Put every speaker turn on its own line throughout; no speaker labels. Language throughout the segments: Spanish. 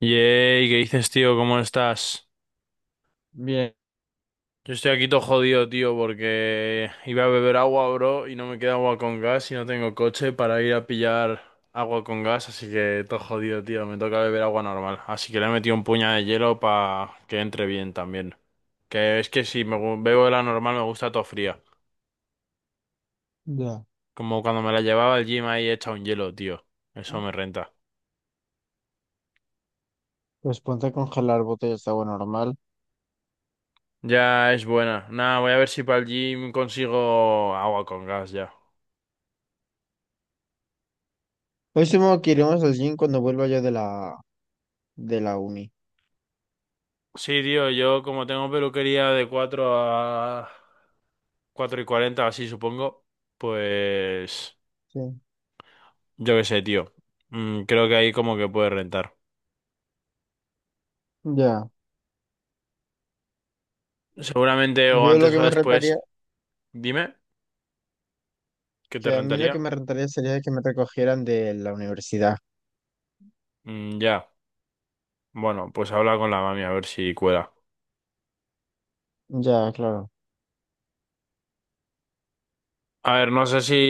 Yey, ¿qué dices, tío? ¿Cómo estás?
Bien.
Yo estoy aquí todo jodido, tío, porque iba a beber agua, bro, y no me queda agua con gas y no tengo coche para ir a pillar agua con gas, así que todo jodido, tío, me toca beber agua normal. Así que le he metido un puñado de hielo para que entre bien también. Que es que si bebo la normal me gusta todo fría.
Ya.
Como cuando me la llevaba al gym ahí hecha un hielo, tío. Eso me renta.
Pues ponte a congelar botellas de agua normal.
Ya es buena. Nada, voy a ver si para el gym consigo agua con gas ya.
Hoy supongo que iremos al gym cuando vuelva yo de la uni.
Sí, tío, yo como tengo peluquería de 4 a 4 y 40, así supongo, pues
Sí.
yo qué sé, tío. Creo que ahí como que puede rentar.
Ya.
Seguramente o
Yo lo
antes
que
o
me
después,
rentaría,
dime, ¿qué te
que a mí lo que
rentaría?
me rentaría sería que me recogieran de la universidad.
Mm, ya, bueno, pues habla con la mami a ver si cuela.
Ya, claro.
A ver, no sé si.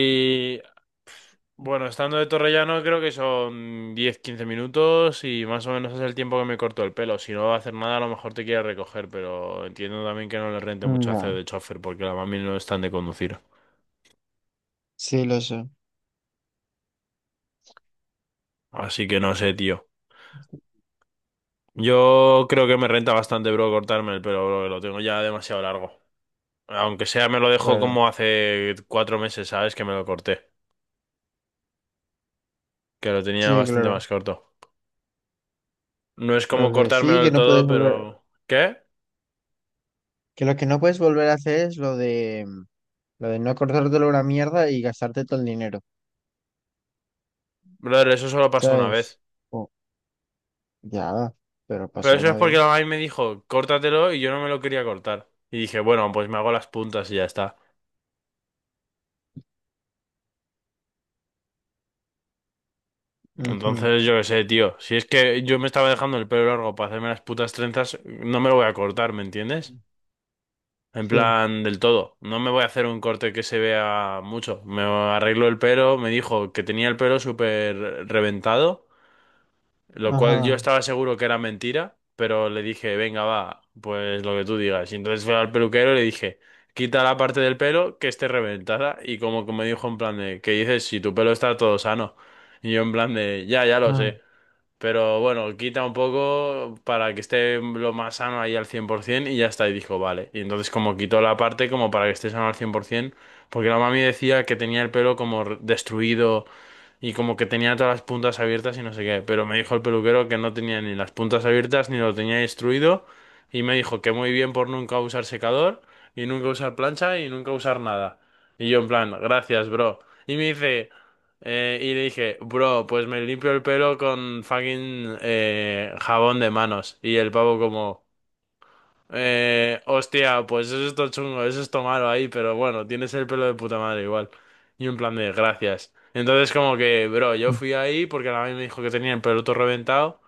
Bueno, estando de Torrellano creo que son diez quince minutos y más o menos es el tiempo que me corto el pelo. Si no va a hacer nada, a lo mejor te quiere recoger, pero entiendo también que no le rente mucho hacer
Ya.
de chofer porque la mami no están de conducir.
Sí, lo sé.
Así que no sé, tío. Yo creo que me renta bastante, bro, cortarme el pelo, bro, que lo tengo ya demasiado largo. Aunque sea, me lo dejó
Claro.
como hace 4 meses, ¿sabes? Que me lo corté. Que lo tenía
Sí,
bastante
claro.
más corto. No es como
Lo que sí,
cortármelo del todo, pero... ¿Qué?
que lo que no puedes volver a hacer es lo de no acordártelo una mierda y gastarte todo el dinero.
Brother, eso solo pasó una vez.
¿Sabes? Oh, ya. Pero
Pero
pasó
eso
una
es
vez.
porque la mami me dijo, córtatelo, y yo no me lo quería cortar. Y dije, bueno, pues me hago las puntas y ya está.
Ujú.
Entonces, yo qué sé, tío. Si es que yo me estaba dejando el pelo largo para hacerme las putas trenzas, no me lo voy a cortar, ¿me entiendes? En
Sí,
plan, del todo. No me voy a hacer un corte que se vea mucho. Me arreglo el pelo. Me dijo que tenía el pelo súper reventado. Lo cual yo
ajá,
estaba seguro que era mentira, pero le dije, venga, va, pues lo que tú digas. Y entonces fue al peluquero y le dije, quita la parte del pelo que esté reventada. Y como que me dijo en plan de, ¿qué dices si tu pelo está todo sano? Y yo en plan de, ya, ya lo
ajá,
sé. Pero bueno, quita un poco para que esté lo más sano ahí al 100% y ya está. Y dijo, vale. Y entonces como quitó la parte como para que esté sano al 100%, porque la mami decía que tenía el pelo como destruido y como que tenía todas las puntas abiertas y no sé qué, pero me dijo el peluquero que no tenía ni las puntas abiertas ni lo tenía instruido, y me dijo que muy bien por nunca usar secador y nunca usar plancha y nunca usar nada. Y yo en plan, gracias, bro. Y me dice, y le dije, bro, pues me limpio el pelo con fucking jabón de manos. Y el pavo como... hostia, pues eso es todo chungo, eso es todo malo ahí, pero bueno, tienes el pelo de puta madre igual. Y un plan de gracias. Entonces como que, bro, yo
mm,
fui ahí porque la mami me dijo que tenía el pelo todo reventado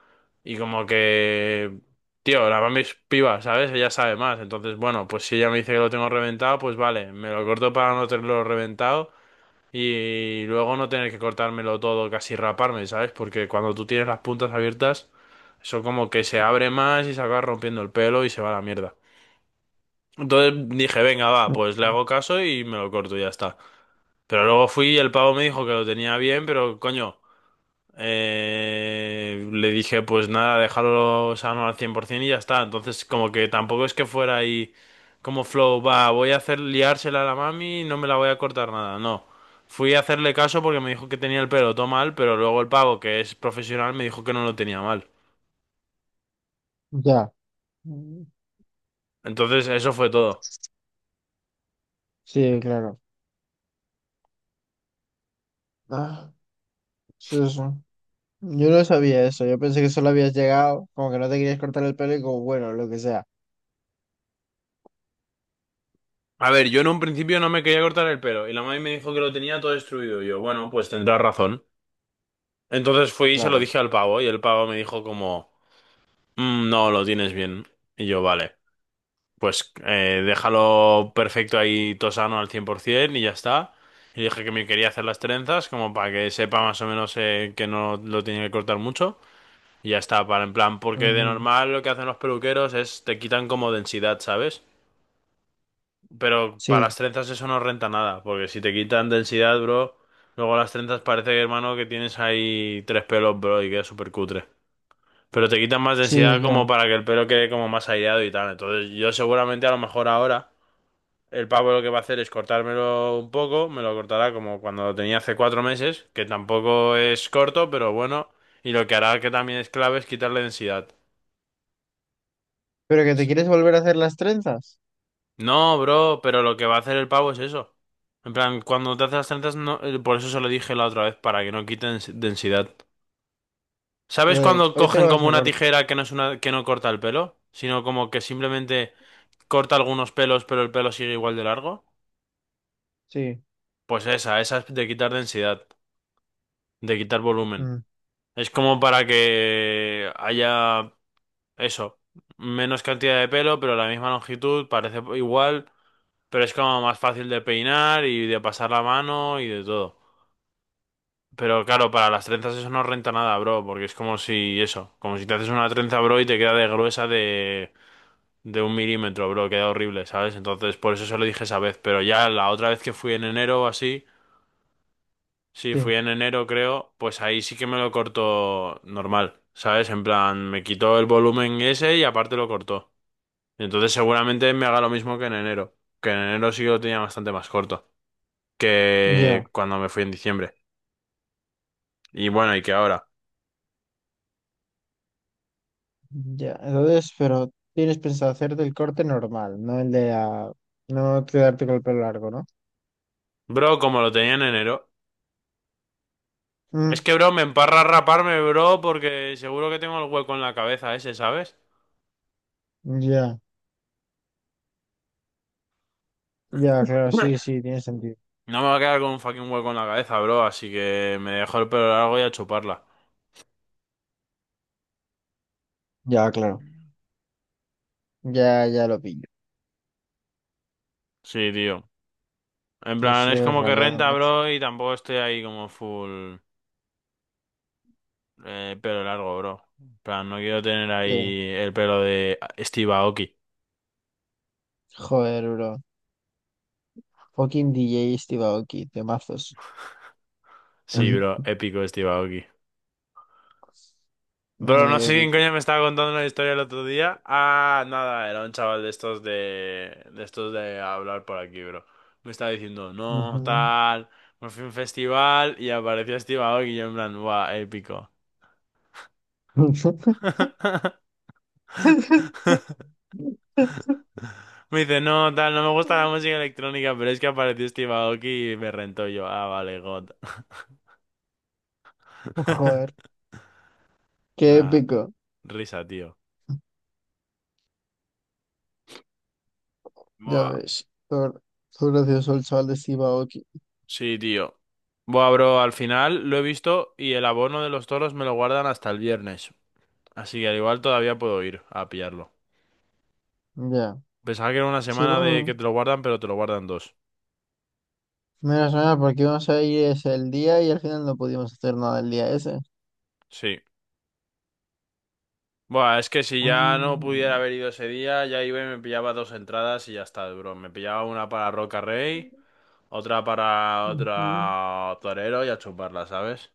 y como que, tío, la mami es piba, ¿sabes? Ella sabe más. Entonces, bueno, pues si ella me dice que lo tengo reventado, pues vale, me lo corto para no tenerlo reventado y luego no tener que cortármelo todo, casi raparme, ¿sabes? Porque cuando tú tienes las puntas abiertas, eso como que se abre más y se acaba rompiendo el pelo y se va a la mierda. Entonces dije, venga, va,
mm,
pues le hago caso y me lo corto y ya está. Pero luego fui y el pavo me dijo que lo tenía bien, pero coño, le dije, pues nada, déjalo sano al 100% y ya está. Entonces como que tampoco es que fuera ahí como flow, va, voy a hacer liársela a la mami y no me la voy a cortar nada, no. Fui a hacerle caso porque me dijo que tenía el pelo todo mal, pero luego el pavo, que es profesional, me dijo que no lo tenía mal.
mm, ya, mm,
Entonces eso fue todo.
sí, claro. Ah, sí, sí. Sí. Yo no sabía eso, yo pensé que solo habías llegado, como que no te querías cortar el pelo y como, bueno, lo que sea,
A ver, yo en un principio no me quería cortar el pelo y la mami me dijo que lo tenía todo destruido. Y yo, bueno, pues tendrás razón. Entonces fui y se lo
claro.
dije al pavo y el pavo me dijo como, "Mm, no, lo tienes bien." Y yo, vale, pues déjalo perfecto ahí, tosano al 100% y ya está. Y dije que me quería hacer las trenzas como para que sepa más o menos que no lo tenía que cortar mucho. Y ya está, para en plan, porque de
Ujú.
normal lo que hacen los peluqueros es te quitan como densidad, ¿sabes? Pero para
Sí,
las trenzas eso no renta nada, porque si te quitan densidad, bro, luego las trenzas parece, que, hermano, que tienes ahí tres pelos, bro, y queda súper cutre. Pero te quitan más
sí,
densidad
ya.
como para que el pelo quede como más aireado y tal. Entonces yo seguramente a lo mejor ahora el pavo lo que va a hacer es cortármelo un poco, me lo cortará como cuando lo tenía hace 4 meses, que tampoco es corto, pero bueno, y lo que hará que también es clave es quitarle densidad.
Pero que te quieres volver a hacer las trenzas,
No, bro, pero lo que va a hacer el pavo es eso. En plan, cuando te hace las trenzas, no, por eso se lo dije la otra vez, para que no quiten densidad. ¿Sabes
entonces,
cuando
hoy te lo
cogen
vas
como
a
una
cortar,
tijera que no es una, que no corta el pelo? Sino como que simplemente corta algunos pelos, pero el pelo sigue igual de largo.
sí,
Pues esa es de quitar densidad, de quitar volumen.
mm,
Es como para que haya eso, menos cantidad de pelo, pero la misma longitud, parece igual, pero es como más fácil de peinar y de pasar la mano y de todo. Pero claro, para las trenzas eso no renta nada, bro, porque es como si eso, como si te haces una trenza, bro, y te queda de gruesa de, un milímetro, bro, queda horrible, ¿sabes? Entonces, por eso se lo dije esa vez, pero ya la otra vez que fui en enero o así, sí,
sí,
fui en enero creo, pues ahí sí que me lo cortó normal, ¿sabes? En plan, me quitó el volumen ese y aparte lo cortó. Entonces seguramente me haga lo mismo que en enero sí que lo tenía bastante más corto
ya,
que cuando me fui en diciembre. Y bueno, y que ahora.
ya. Entonces, pero tienes pensado hacerte el corte normal, no el de la, no quedarte con el pelo largo, ¿no?
Bro, como lo tenía en enero. Es
Mm,
que, bro, me emparra raparme, bro, porque seguro que tengo el hueco en la cabeza ese, ¿sabes?
ya. Ya, claro, sí, sí, tiene sentido.
No me va a quedar con un fucking hueco en la cabeza, bro, así que me dejo el pelo largo y a chuparla.
Ya, claro. Ya, ya lo pillo.
Sí, tío. En
Entonces,
plan,
si
es
es
como que
rayado,
renta,
Max.
bro, y tampoco estoy ahí como full pelo largo, bro. En plan, no quiero tener
Sí.
ahí el pelo de Steve Aoki.
Joder, bro. Fucking DJ Steve Aoki, temazos.
Sí, bro,
Ujú.
épico Steve Aoki. Bro,
Muy
no sé quién
épico.
coño me estaba contando una historia el otro día. Ah, nada, era un chaval de estos de estos de hablar por aquí, bro. Me estaba diciendo, no, tal, me fui a un festival y apareció Steve Aoki y yo en plan, guau, épico.
Ujú.
Me dice, no, tal, no me gusta la música electrónica, pero es que apareció Steve Aoki y me rentó yo. Ah, vale, God.
Joder, qué
Nah,
épico.
risa, tío.
Ya ves. Por gracioso el chaval de Steve Aoki.
Sí, tío. Buah, bro, al final lo he visto y el abono de los toros me lo guardan hasta el viernes. Así que al igual todavía puedo ir a pillarlo.
Ya.
Pensaba que era una
Sí,
semana de
vamos.
que te lo guardan, pero te lo guardan dos.
Mira, suena porque íbamos a ir ese el día y al final no pudimos hacer nada el día ese.
Sí. Buah, es que si ya no
Ah,
pudiera haber ido ese día, ya iba y me pillaba dos entradas y ya está, bro. Me pillaba una para Roca Rey, otra para
ujú.
otro torero y a chuparla, ¿sabes?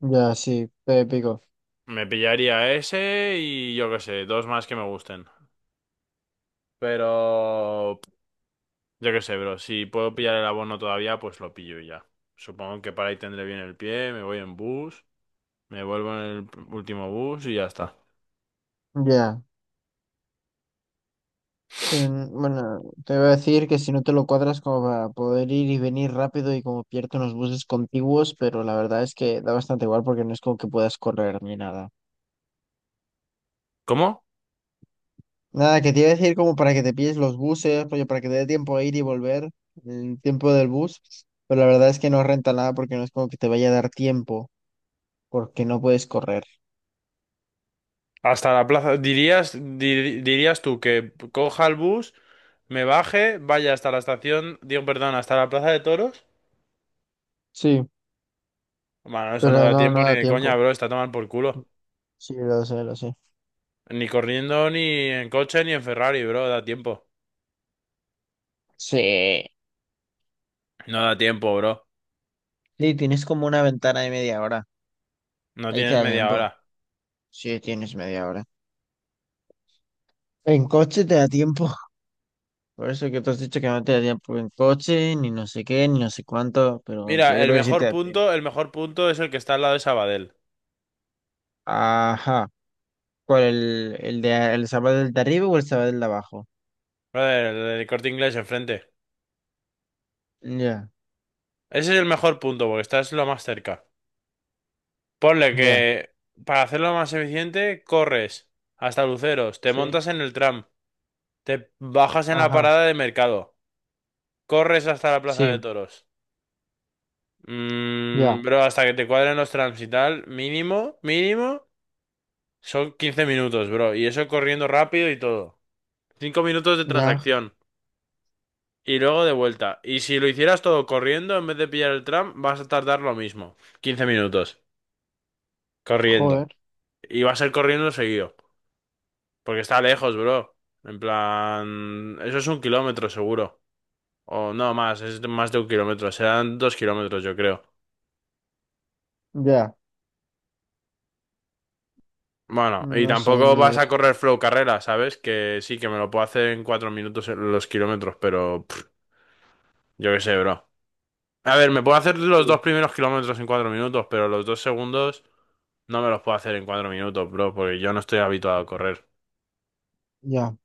Ya, sí, fue épico.
Me pillaría ese y yo qué sé, dos más que me gusten. Pero. Yo qué sé, bro. Si puedo pillar el abono todavía, pues lo pillo y ya. Supongo que para ahí tendré bien el pie, me voy en bus, me vuelvo en el último bus y ya está.
Ya. Sí, bueno, te voy a decir que si no te lo cuadras como para poder ir y venir rápido y como pierde unos buses contiguos, pero la verdad es que da bastante igual porque no es como que puedas correr ni nada.
¿Cómo?
Nada, que te iba a decir como para que te pilles los buses, rollo, para que te dé tiempo a ir y volver, el tiempo del bus, pero la verdad es que no renta nada porque no es como que te vaya a dar tiempo porque no puedes correr.
Hasta la plaza. ¿Dirías, dirías tú que coja el bus, me baje, vaya hasta la estación, digo, perdón, hasta la plaza de toros?
Sí,
Bueno, eso no
pero
da
no, no
tiempo ni
da
de coña,
tiempo.
bro. Está a tomar por culo.
Sí, lo sé, lo sé.
Ni corriendo, ni en coche, ni en Ferrari, bro. Da tiempo.
Sí.
No da tiempo, bro.
Sí, tienes como una ventana de media hora.
No
Ahí te
tienes
da
media
tiempo.
hora.
Sí, tienes media hora. En coche te da tiempo. Por eso que tú has dicho que no te da tiempo en coche, ni no sé qué, ni no sé cuánto, pero yo
Mira,
creo que sí te da tiempo.
el mejor punto es el que está al lado de Sabadell.
Ajá. ¿Cuál? ¿El de el sábado del de arriba o el sábado del de abajo?
Brother, el del Corte Inglés enfrente.
Ya,
Ese es el mejor punto, porque estás lo más cerca. Ponle que
ya.
para hacerlo más eficiente, corres hasta Luceros, te
Sí.
montas en el tram, te bajas en la
Ajá.
parada de mercado, corres hasta la Plaza
Sí.
de Toros. Mm,
Ya,
bro, hasta que te cuadren los trams y tal, mínimo, mínimo, son 15 minutos, bro. Y eso corriendo rápido y todo. 5 minutos de
ya,
transacción. Y luego de vuelta. Y si lo hicieras todo corriendo, en vez de pillar el tram, vas a tardar lo mismo, 15 minutos. Corriendo.
joder.
Y va a ser corriendo seguido. Porque está lejos, bro. En plan... Eso es 1 kilómetro seguro. O no más, es más de 1 kilómetro. Serán 2 kilómetros, yo creo.
Ya.
Bueno, y
No sé,
tampoco
ni.
vas a correr flow carrera, ¿sabes? Que sí, que me lo puedo hacer en 4 minutos en los kilómetros, pero... pff, yo qué sé, bro. A ver, me puedo hacer los 2 primeros kilómetros en 4 minutos, pero los dos segundos no me los puedo hacer en 4 minutos, bro, porque yo no estoy habituado a correr.
Ya.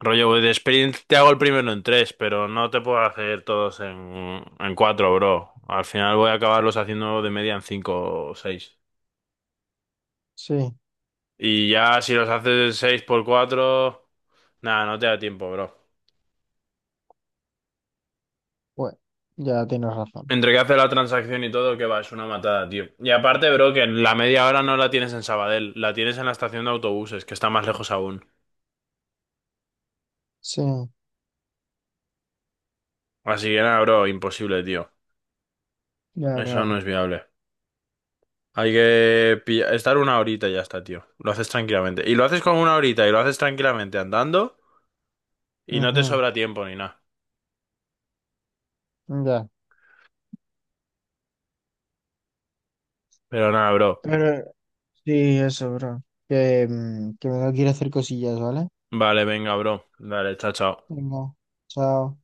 Rollo, voy de sprint te hago el primero en tres, pero no te puedo hacer todos en, cuatro, bro. Al final voy a acabarlos haciendo de media en cinco o seis.
Sí.
Y ya si los haces seis por cuatro, nada, no te da tiempo, bro.
Bueno, ya tienes razón.
Entre que hace la transacción y todo, que va, es una matada, tío. Y aparte, bro, que la media hora no la tienes en Sabadell, la tienes en la estación de autobuses, que está más lejos aún.
Sí.
Así que nada, bro, imposible, tío.
Ya,
Eso
claro.
no es viable. Hay que estar una horita y ya está, tío. Lo haces tranquilamente. Y lo haces con una horita y lo haces tranquilamente andando y no te
Ajá.
sobra tiempo ni nada.
Ya.
Pero nada, bro.
Pero sí, eso, bro. Que, que me tengo que ir a hacer cosillas, ¿vale?
Vale, venga, bro. Dale, chao, chao.
Venga, chao.